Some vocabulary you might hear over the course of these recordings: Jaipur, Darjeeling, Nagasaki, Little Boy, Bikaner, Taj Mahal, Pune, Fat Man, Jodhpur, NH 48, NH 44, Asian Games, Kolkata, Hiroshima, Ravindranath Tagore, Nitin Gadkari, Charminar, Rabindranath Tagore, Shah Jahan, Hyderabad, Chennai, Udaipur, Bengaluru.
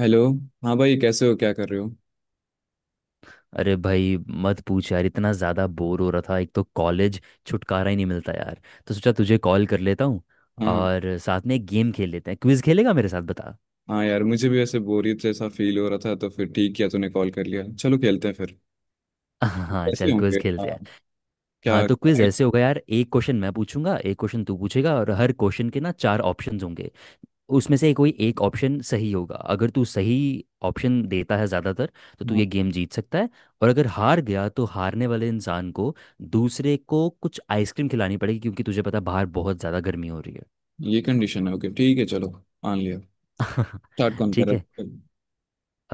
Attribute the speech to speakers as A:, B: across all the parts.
A: Hello. हाँ भाई, कैसे हो? क्या कर रहे हो?
B: अरे भाई मत पूछ यार। इतना ज़्यादा बोर हो रहा था। एक तो कॉलेज, छुटकारा ही नहीं मिलता यार। तो सोचा तुझे कॉल कर लेता हूँ
A: हाँ,
B: और साथ में एक गेम खेल लेते हैं। क्विज खेलेगा मेरे साथ, बता।
A: हाँ यार, मुझे भी ऐसे बोरियत जैसा फील हो रहा था, तो फिर ठीक किया तूने कॉल कर लिया। चलो खेलते हैं फिर।
B: हाँ,
A: कैसे
B: चल
A: होंगे?
B: क्विज खेलते
A: हाँ,
B: हैं। हाँ
A: क्या?
B: तो क्विज ऐसे होगा यार, एक क्वेश्चन मैं पूछूंगा, एक क्वेश्चन तू पूछेगा, और हर क्वेश्चन के ना चार ऑप्शंस होंगे। उसमें से कोई एक ऑप्शन सही होगा। अगर तू सही ऑप्शन देता है ज़्यादातर, तो तू
A: हाँ।
B: ये गेम जीत सकता है। और अगर हार गया, तो हारने वाले इंसान को, दूसरे को, कुछ आइसक्रीम खिलानी पड़ेगी, क्योंकि तुझे पता है बाहर बहुत ज़्यादा गर्मी हो रही
A: ये कंडीशन है? ओके, ठीक है, चलो। मान लिया। स्टार्ट
B: है।
A: कौन कर
B: ठीक है।
A: रहा है?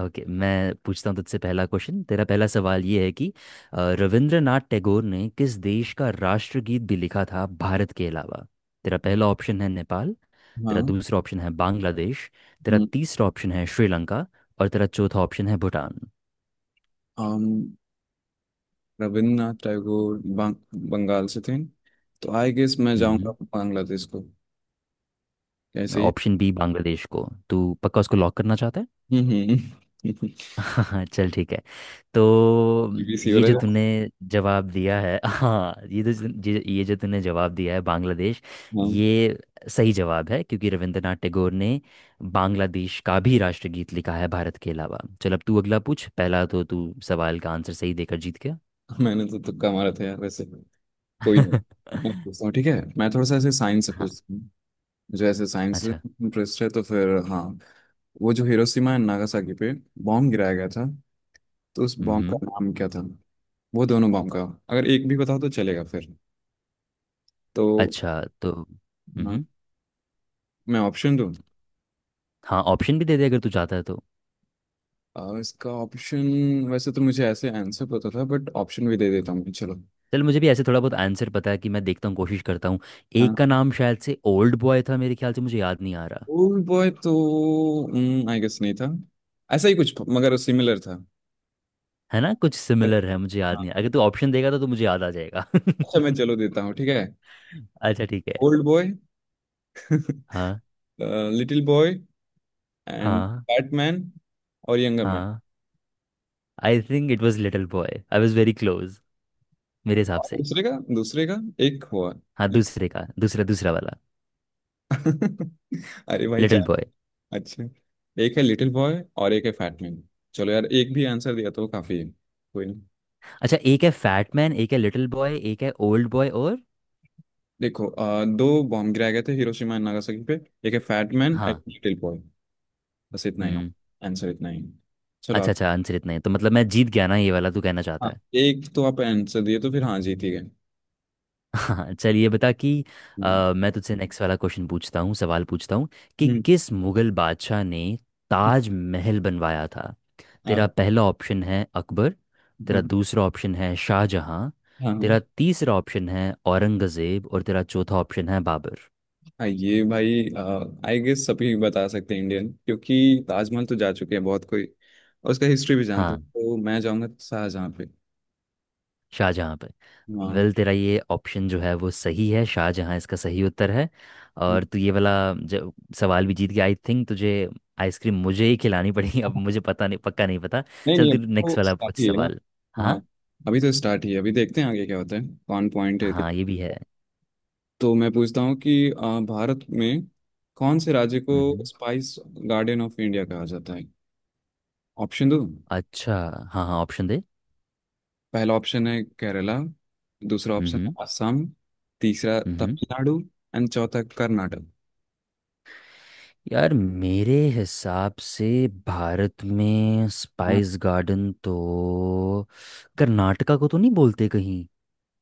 B: ओके मैं पूछता हूँ तुझसे पहला क्वेश्चन। तेरा पहला सवाल ये है कि रविंद्रनाथ टैगोर ने किस देश का राष्ट्रगीत भी लिखा था भारत के अलावा। तेरा पहला ऑप्शन है नेपाल। तेरा
A: हाँ।
B: दूसरा ऑप्शन है बांग्लादेश। तेरा
A: हम्म।
B: तीसरा ऑप्शन है श्रीलंका। और तेरा चौथा ऑप्शन है भूटान।
A: हम। रविन्द्रनाथ टैगोर बंगाल से थे, तो आई गेस मैं जाऊंगा
B: हम्म।
A: बांग्लादेश को। कैसे ही।
B: ऑप्शन बी बांग्लादेश को, तू पक्का उसको लॉक करना चाहता है?
A: हम्म।
B: हाँ चल ठीक है। तो
A: BBC हो
B: ये
A: रहा
B: जो तूने
A: है।
B: जवाब दिया है, हाँ ये तो, ये जो तूने जवाब दिया है बांग्लादेश,
A: हाँ।
B: ये सही जवाब है। क्योंकि रविंद्रनाथ टैगोर ने बांग्लादेश का भी राष्ट्रगीत लिखा है भारत के अलावा। चल अब तू अगला पूछ। पहला तो तू सवाल का आंसर सही देकर जीत गया।
A: मैंने तो तुक्का मारा था यार वैसे। कोई नहीं। मैं पूछता हूँ, ठीक है? मैं थोड़ा सा ऐसे साइंस से
B: हाँ।
A: पूछता हूँ। मुझे ऐसे साइंस से
B: अच्छा।
A: इंटरेस्ट है तो फिर, हाँ। वो जो हिरोशिमा एंड नागासाकी पे बॉम्ब गिराया गया था, तो उस
B: हम्म
A: बॉम्ब का
B: हम्म,
A: नाम क्या था? वो दोनों बॉम्ब का। अगर एक भी बताओ तो चलेगा फिर। तो
B: अच्छा तो
A: हाँ, मैं ऑप्शन दूँ?
B: हाँ, ऑप्शन भी दे दे अगर तू चाहता है तो।
A: इसका ऑप्शन। वैसे तो मुझे ऐसे आंसर पता था, बट ऑप्शन भी दे देता हूँ मैं, चलो।
B: चल मुझे भी ऐसे थोड़ा बहुत आंसर पता है, कि मैं देखता हूँ, कोशिश करता हूँ। एक
A: हाँ।
B: का नाम शायद से ओल्ड बॉय था मेरे ख्याल से, मुझे याद नहीं आ रहा।
A: ओल्ड बॉय तो आई गेस नहीं था, ऐसा ही कुछ मगर सिमिलर था।
B: है ना, कुछ सिमिलर है, मुझे याद
A: हाँ।
B: नहीं अगर तू ऑप्शन देगा तो मुझे याद आ जाएगा।
A: अच्छा, मैं चलो देता हूँ, ठीक है।
B: अच्छा ठीक है।
A: Old boy.
B: हाँ।
A: लिटिल बॉय एंड
B: हाँ।
A: बैटमैन और यंगर मैन।
B: हाँ, I think it was little boy, I was very close मेरे हिसाब
A: और
B: से।
A: दूसरे का। दूसरे का एक हुआ।
B: हाँ, दूसरे का, दूसरा दूसरा वाला
A: अरे भाई
B: लिटिल
A: 4।
B: बॉय।
A: अच्छा, एक है लिटिल बॉय और एक है फैटमैन। चलो यार, एक भी आंसर दिया तो काफी है, कोई नहीं।
B: अच्छा, एक है फैट मैन, एक है लिटिल बॉय, एक है ओल्ड बॉय और।
A: देखो दो बॉम्ब गिराए गए थे हिरोशिमा एंड नागासाकी पे। एक है फैटमैन, एक
B: हाँ।
A: Little boy. बस इतना ही हो।
B: हम्म।
A: आंसर इतना ही है। चलो
B: अच्छा
A: आप।
B: अच्छा, आंसर इतना है तो मतलब मैं जीत गया ना ये वाला, तू कहना चाहता
A: हाँ,
B: है?
A: एक तो आप आंसर दिए तो फिर हाँ, जीती गए।
B: हाँ चल, ये बता कि
A: हम्म
B: मैं तुझसे नेक्स्ट वाला क्वेश्चन पूछता हूँ, सवाल पूछता हूँ, कि
A: हम्म,
B: किस मुगल बादशाह ने ताज महल बनवाया था।
A: हाँ
B: तेरा
A: हाँ
B: पहला ऑप्शन है अकबर। तेरा दूसरा ऑप्शन है शाहजहां।
A: हाँ
B: तेरा
A: हाँ।
B: तीसरा ऑप्शन है औरंगजेब। और तेरा चौथा ऑप्शन है बाबर।
A: हाँ ये भाई, आई गेस सभी बता सकते हैं इंडियन, क्योंकि ताजमहल तो जा चुके हैं बहुत कोई और उसका हिस्ट्री भी जानते हो।
B: हाँ,
A: तो मैं जाऊंगा शाहजहाँ पे।
B: शाहजहाँ पे।
A: हाँ।
B: वेल, तेरा ये ऑप्शन जो है वो सही है, शाहजहाँ इसका सही उत्तर है।
A: नहीं,
B: और तू ये वाला जो सवाल भी जीत गया। आई थिंक तुझे आइसक्रीम, मुझे ही खिलानी पड़ेगी अब, मुझे पता नहीं, पक्का नहीं पता। चल
A: नहीं
B: तू
A: अभी तो
B: नेक्स्ट वाला
A: स्टार्ट
B: पूछ
A: ही है ना।
B: सवाल।
A: हाँ।
B: हाँ,
A: अभी तो स्टार्ट ही है, अभी देखते हैं आगे क्या होता है। कौन पॉइंट है
B: हाँ ये भी है।
A: तो मैं पूछता हूँ कि भारत में कौन से राज्य को
B: हम्म।
A: स्पाइस गार्डन ऑफ इंडिया कहा जाता है? ऑप्शन दो।
B: अच्छा। हाँ हाँ, ऑप्शन दे।
A: पहला ऑप्शन है केरला। दूसरा ऑप्शन
B: हम्म।
A: है असम। तीसरा
B: हम्म।
A: तमिलनाडु। एंड चौथा कर्नाटक।
B: यार मेरे हिसाब से भारत में
A: हाँ
B: स्पाइस गार्डन तो कर्नाटका को तो नहीं बोलते कहीं।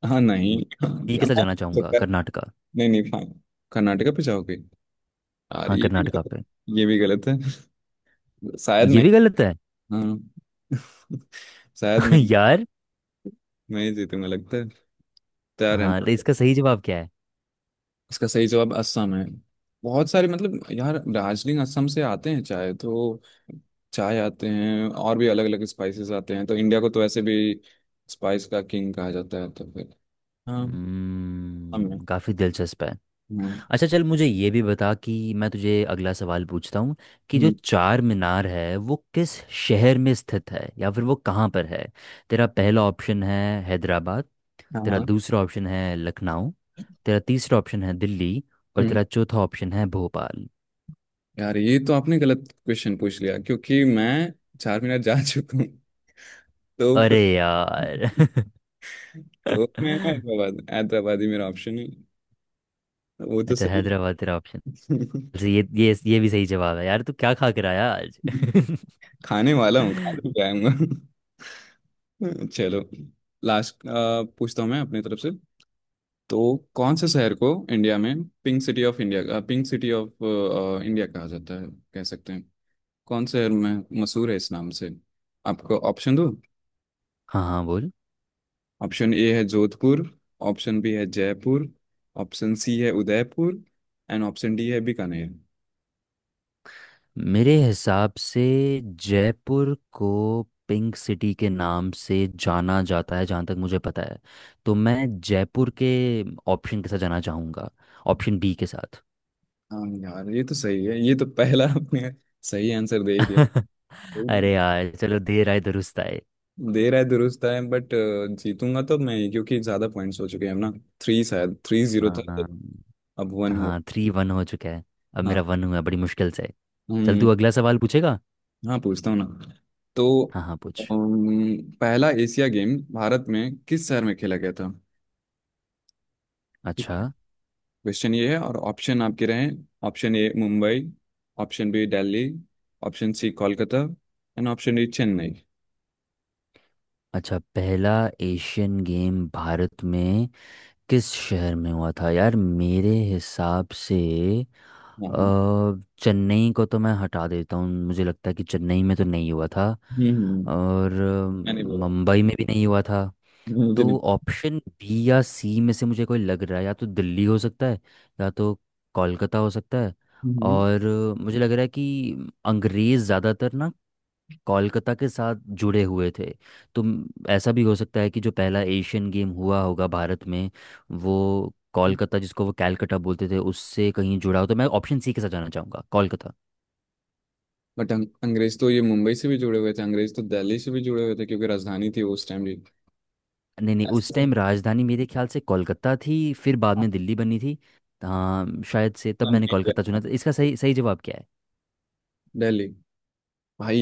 A: हाँ। नहीं
B: ये के साथ जाना चाहूंगा, कर्नाटका।
A: नहीं नहीं फाइन। कर्नाटका पे जाओगे? यार
B: हाँ,
A: ये भी
B: कर्नाटका पे।
A: ये भी गलत है। शायद
B: ये
A: मैं।
B: भी गलत है।
A: हाँ। शायद
B: यार।
A: मैं ही जीतूंगा लगता है। तैयार है
B: हाँ
A: ना?
B: तो इसका सही जवाब क्या है?
A: इसका सही जवाब असम है। बहुत सारे, मतलब यार, दार्जिलिंग असम से आते हैं, चाय तो। चाय आते हैं और भी अलग अलग स्पाइसेस आते हैं, तो इंडिया को तो ऐसे भी स्पाइस का किंग कहा जाता है तो फिर। हाँ असम है।
B: हम्म, काफी दिलचस्प है।
A: हाँ।
B: अच्छा चल, मुझे ये भी बता कि मैं तुझे अगला सवाल पूछता हूँ, कि जो
A: हम्म।
B: चार मीनार है वो किस शहर में स्थित है, या फिर वो कहाँ पर है। तेरा पहला ऑप्शन है हैदराबाद।
A: हाँ
B: तेरा
A: हाँ,
B: दूसरा ऑप्शन है लखनऊ। तेरा तीसरा ऑप्शन है दिल्ली। और
A: हम्म।
B: तेरा चौथा ऑप्शन है भोपाल।
A: यार ये तो आपने गलत क्वेश्चन पूछ लिया, क्योंकि मैं 4 मिनट जा चुका हूँ तो फिर।
B: अरे यार।
A: तो मैं हैदराबाद, हैदराबाद ही मेरा ऑप्शन है। वो तो
B: अच्छा,
A: सही
B: हैदराबाद तेरा ऑप्शन।
A: है।
B: अच्छा, ये ये भी सही जवाब है यार। तू क्या खा कर आया आज?
A: खाने वाला हूँ, खा भी जाऊंगा। चलो लास्ट पूछता हूँ मैं अपनी तरफ से। तो कौन से शहर को इंडिया में pink city of India, pink city of India कहा जाता है, कह सकते हैं? कौन से शहर में मशहूर है इस नाम से? आपको ऑप्शन दो।
B: हाँ हाँ, बोल।
A: ऑप्शन ए है जोधपुर। ऑप्शन बी है जयपुर। ऑप्शन सी है उदयपुर। एंड ऑप्शन डी है बीकानेर।
B: मेरे हिसाब से जयपुर को पिंक सिटी के नाम से जाना जाता है जहाँ तक मुझे पता है। तो मैं जयपुर के ऑप्शन के साथ जाना चाहूँगा, ऑप्शन बी के साथ।
A: हाँ यार, ये तो सही है, ये तो पहला आपने सही आंसर दे ही दिया।
B: अरे यार, चलो देर आए दुरुस्त आए।
A: दे रहा है दुरुस्त टाइम, बट जीतूंगा तो मैं ही, क्योंकि ज्यादा पॉइंट्स हो चुके हैं ना। थ्री, शायद 3-0 था,
B: हाँ।
A: तो अब 1 हो।
B: हाँ, थ्री वन हो चुका है। अब
A: हाँ।
B: मेरा वन हुआ है, बड़ी मुश्किल से। चल
A: हम्म।
B: तू अगला सवाल पूछेगा।
A: हाँ पूछता हूँ ना। तो
B: हाँ हाँ, पूछ।
A: पहला एशिया गेम भारत में किस शहर में खेला गया था? ठीक
B: अच्छा।
A: है, क्वेश्चन ये है और ऑप्शन आपके रहे। Option A Mumbai. Option B Delhi. Option C Kolkata. And option D Chennai.
B: अच्छा। पहला एशियन गेम भारत में किस शहर में हुआ था, यार मेरे हिसाब से।
A: हाँ, हम्म।
B: अ, चेन्नई को तो मैं हटा देता हूँ, मुझे लगता है कि चेन्नई में तो नहीं हुआ था।
A: हम्म,
B: और
A: मैं नहीं बोल रहा
B: मुंबई में भी नहीं हुआ था।
A: हूँ, मुझे
B: तो
A: नहीं।
B: ऑप्शन बी या सी में से मुझे कोई लग रहा है, या तो दिल्ली हो सकता है या तो कोलकाता हो सकता है।
A: हम्म।
B: और मुझे लग रहा है कि अंग्रेज़ ज़्यादातर ना कोलकाता के साथ जुड़े हुए थे। तो ऐसा भी हो सकता है कि जो पहला एशियन गेम हुआ होगा भारत में, वो कोलकाता, जिसको वो कैलकटा बोलते थे, उससे कहीं जुड़ा हो। तो मैं ऑप्शन सी के साथ जाना चाहूँगा, कोलकाता।
A: बट अंग्रेज तो ये मुंबई से भी जुड़े हुए थे, अंग्रेज तो दिल्ली से भी जुड़े हुए थे क्योंकि राजधानी थी वो उस टाइम भी।
B: नहीं नहीं,
A: ऐसे
B: उस
A: तो
B: टाइम राजधानी मेरे ख्याल से कोलकाता थी। फिर बाद में दिल्ली बनी थी। हाँ शायद से, तब
A: नाम
B: मैंने
A: नहीं किया
B: कोलकाता
A: था।
B: चुना था। इसका सही सही जवाब क्या
A: दिल्ली भाई।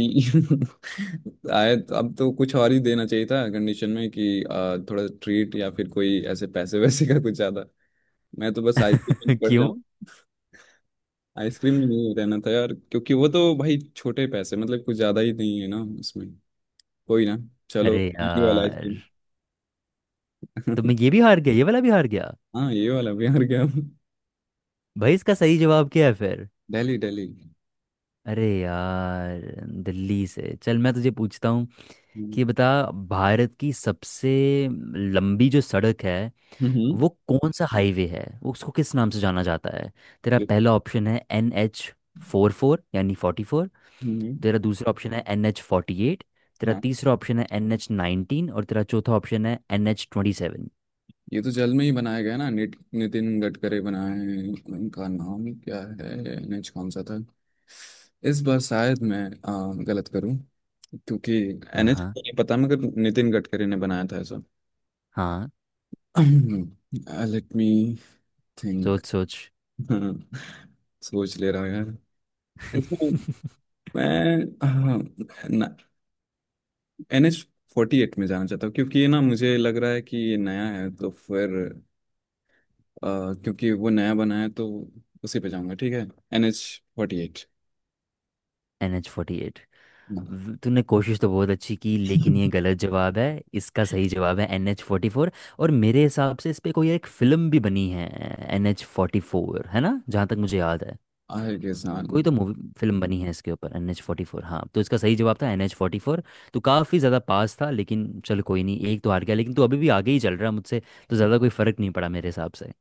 A: आए तो अब तो कुछ और ही देना चाहिए था कंडीशन में कि थोड़ा ट्रीट या फिर कोई ऐसे पैसे वैसे का कुछ ज्यादा। मैं तो बस आइसक्रीम
B: है?
A: में पड़
B: क्यों?
A: जाऊँ। आइसक्रीम में नहीं रहना था यार, क्योंकि वो तो भाई छोटे पैसे, मतलब कुछ ज्यादा ही नहीं है ना उसमें। कोई ना, चलो
B: अरे
A: ये वाला
B: यार,
A: आइसक्रीम।
B: तो मैं ये भी हार गया, ये वाला भी हार गया।
A: हाँ ये वाला भी यार, क्या।
B: भाई इसका सही जवाब क्या है फिर?
A: दिल्ली, दिल्ली।
B: अरे यार। दिल्ली से चल, मैं तुझे पूछता हूँ कि
A: हम्म
B: बता, भारत की सबसे लंबी जो सड़क है,
A: हम्म।
B: वो कौन सा हाईवे है, वो उसको किस नाम से जाना जाता है। तेरा
A: ये
B: पहला ऑप्शन है एन एच फोर फोर यानी फोर्टी फोर।
A: हम्म।
B: तेरा दूसरा ऑप्शन है एन एच फोर्टी एट। तेरा
A: हाँ
B: तीसरा ऑप्शन है एन एच नाइनटीन। और तेरा चौथा ऑप्शन है एन एच ट्वेंटी सेवन।
A: ये तो जल में ही बनाया गया ना नितिन गडकरी बनाए हैं। उनका नाम क्या है? एनएच कौन सा था? इस बार शायद मैं गलत करूं, क्योंकि
B: हाँ।
A: एनएच
B: हाँ।
A: तो नहीं पता, मगर नितिन गडकरी ने बनाया था ऐसा।
B: हाँ।
A: Late me think.
B: सोच सोच।
A: सोच ले रहा हूं यार इसमें। मैं NH 48 में जाना चाहता हूँ, क्योंकि ये ना मुझे लग रहा है कि ये नया है तो फिर, अ, क्योंकि वो नया बना है तो उसी पे जाऊंगा, ठीक है? NH 48।
B: N H forty eight. तूने कोशिश तो बहुत अच्छी की, लेकिन ये गलत जवाब है। इसका सही जवाब है एन एच फोर्टी फोर। और मेरे हिसाब से इस पे कोई एक फिल्म भी बनी है, एन एच फोर्टी फोर, है ना, जहाँ तक मुझे याद है।
A: आहिर के साथ।
B: कोई तो मूवी फिल्म बनी है इसके ऊपर, एन एच फोर्टी फोर। हाँ तो इसका सही जवाब था एन एच फोर्टी फोर। तो काफ़ी ज़्यादा पास था, लेकिन चल कोई नहीं, एक तो हार गया, लेकिन तू अभी भी आगे ही चल रहा है मुझसे, तो ज़्यादा कोई फ़र्क नहीं पड़ा मेरे हिसाब से।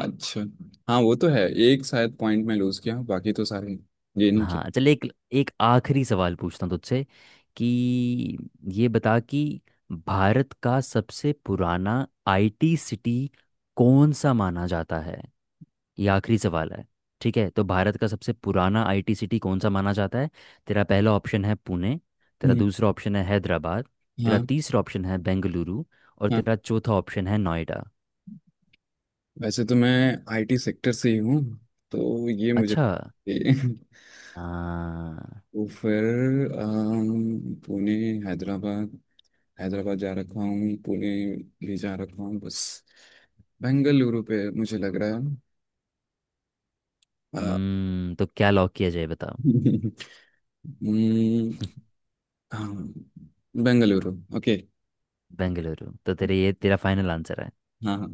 A: अच्छा। हाँ वो तो है, एक शायद पॉइंट में लूज किया, बाकी तो सारे गेन किए।
B: हाँ चल, एक एक आखिरी सवाल पूछता हूँ तुझसे कि ये बता कि भारत का सबसे पुराना आईटी सिटी कौन सा माना जाता है। ये आखिरी सवाल है, ठीक है। तो भारत का सबसे पुराना आईटी सिटी कौन सा माना जाता है। तेरा पहला ऑप्शन है पुणे। तेरा
A: हम्म,
B: दूसरा ऑप्शन है हैदराबाद। तेरा
A: हाँ
B: तीसरा ऑप्शन है बेंगलुरु। और
A: हाँ।
B: तेरा चौथा ऑप्शन है नोएडा।
A: वैसे तो मैं आईटी सेक्टर से ही हूँ तो ये मुझे।
B: अच्छा। हाँ।
A: तो फिर पुणे, हैदराबाद। हैदराबाद जा रखा हूँ, पुणे भी जा रखा हूँ, बस बेंगलुरु पे मुझे लग रहा है अ,
B: हम्म, तो क्या लॉक किया जाए, बता।
A: हम्म, हाँ बेंगलुरु। ओके।
B: बेंगलुरु, तो तेरे, ये तेरा फाइनल आंसर है?
A: हाँ हाँ।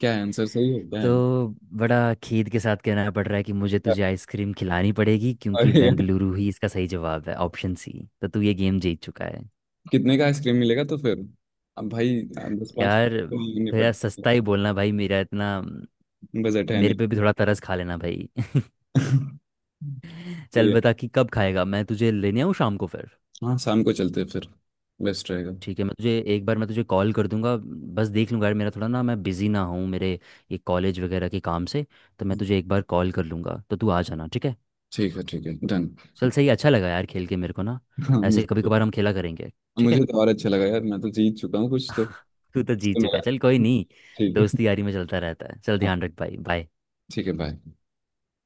A: क्या है आंसर? सही होता है?
B: तो बड़ा खेद के साथ कहना पड़ रहा है कि मुझे
A: क्या?
B: तुझे आइसक्रीम खिलानी पड़ेगी, क्योंकि
A: अरे यार।
B: बेंगलुरु ही इसका सही जवाब है, ऑप्शन सी। तो तू ये गेम जीत चुका है।
A: कितने का आइसक्रीम मिलेगा तो फिर? अब भाई दस पाँच
B: यार
A: तो नहीं,
B: थोड़ा
A: निपट
B: सस्ता ही बोलना भाई, मेरा इतना,
A: बजट है नहीं।
B: मेरे पे भी थोड़ा तरस खा लेना भाई। चल
A: ये,
B: बता कि कब खाएगा, मैं तुझे लेने आऊँ शाम को फिर।
A: हाँ शाम को चलते हैं फिर, बेस्ट रहेगा।
B: ठीक है, मैं तुझे एक बार मैं तुझे कॉल कर दूंगा, बस देख लूंगा यार, मेरा थोड़ा ना मैं बिजी ना हूँ मेरे ये कॉलेज वगैरह के काम से। तो मैं तुझे एक बार कॉल कर लूंगा तो तू आ जाना, ठीक है।
A: ठीक है, ठीक है, डन।
B: चल सही, अच्छा लगा यार खेल के मेरे को ना,
A: हाँ मुझे
B: ऐसे कभी
A: तो।
B: कभार हम खेला करेंगे, ठीक
A: मुझे
B: है।
A: तो और अच्छा लगा यार, मैं तो जीत चुका हूँ कुछ
B: तू तो
A: तो
B: जीत चुका है,
A: मेरा।
B: चल कोई नहीं,
A: ठीक है।
B: दोस्ती यारी में चलता रहता है। चल
A: हाँ
B: ध्यान रख भाई, बाय।
A: ठीक है, बाय।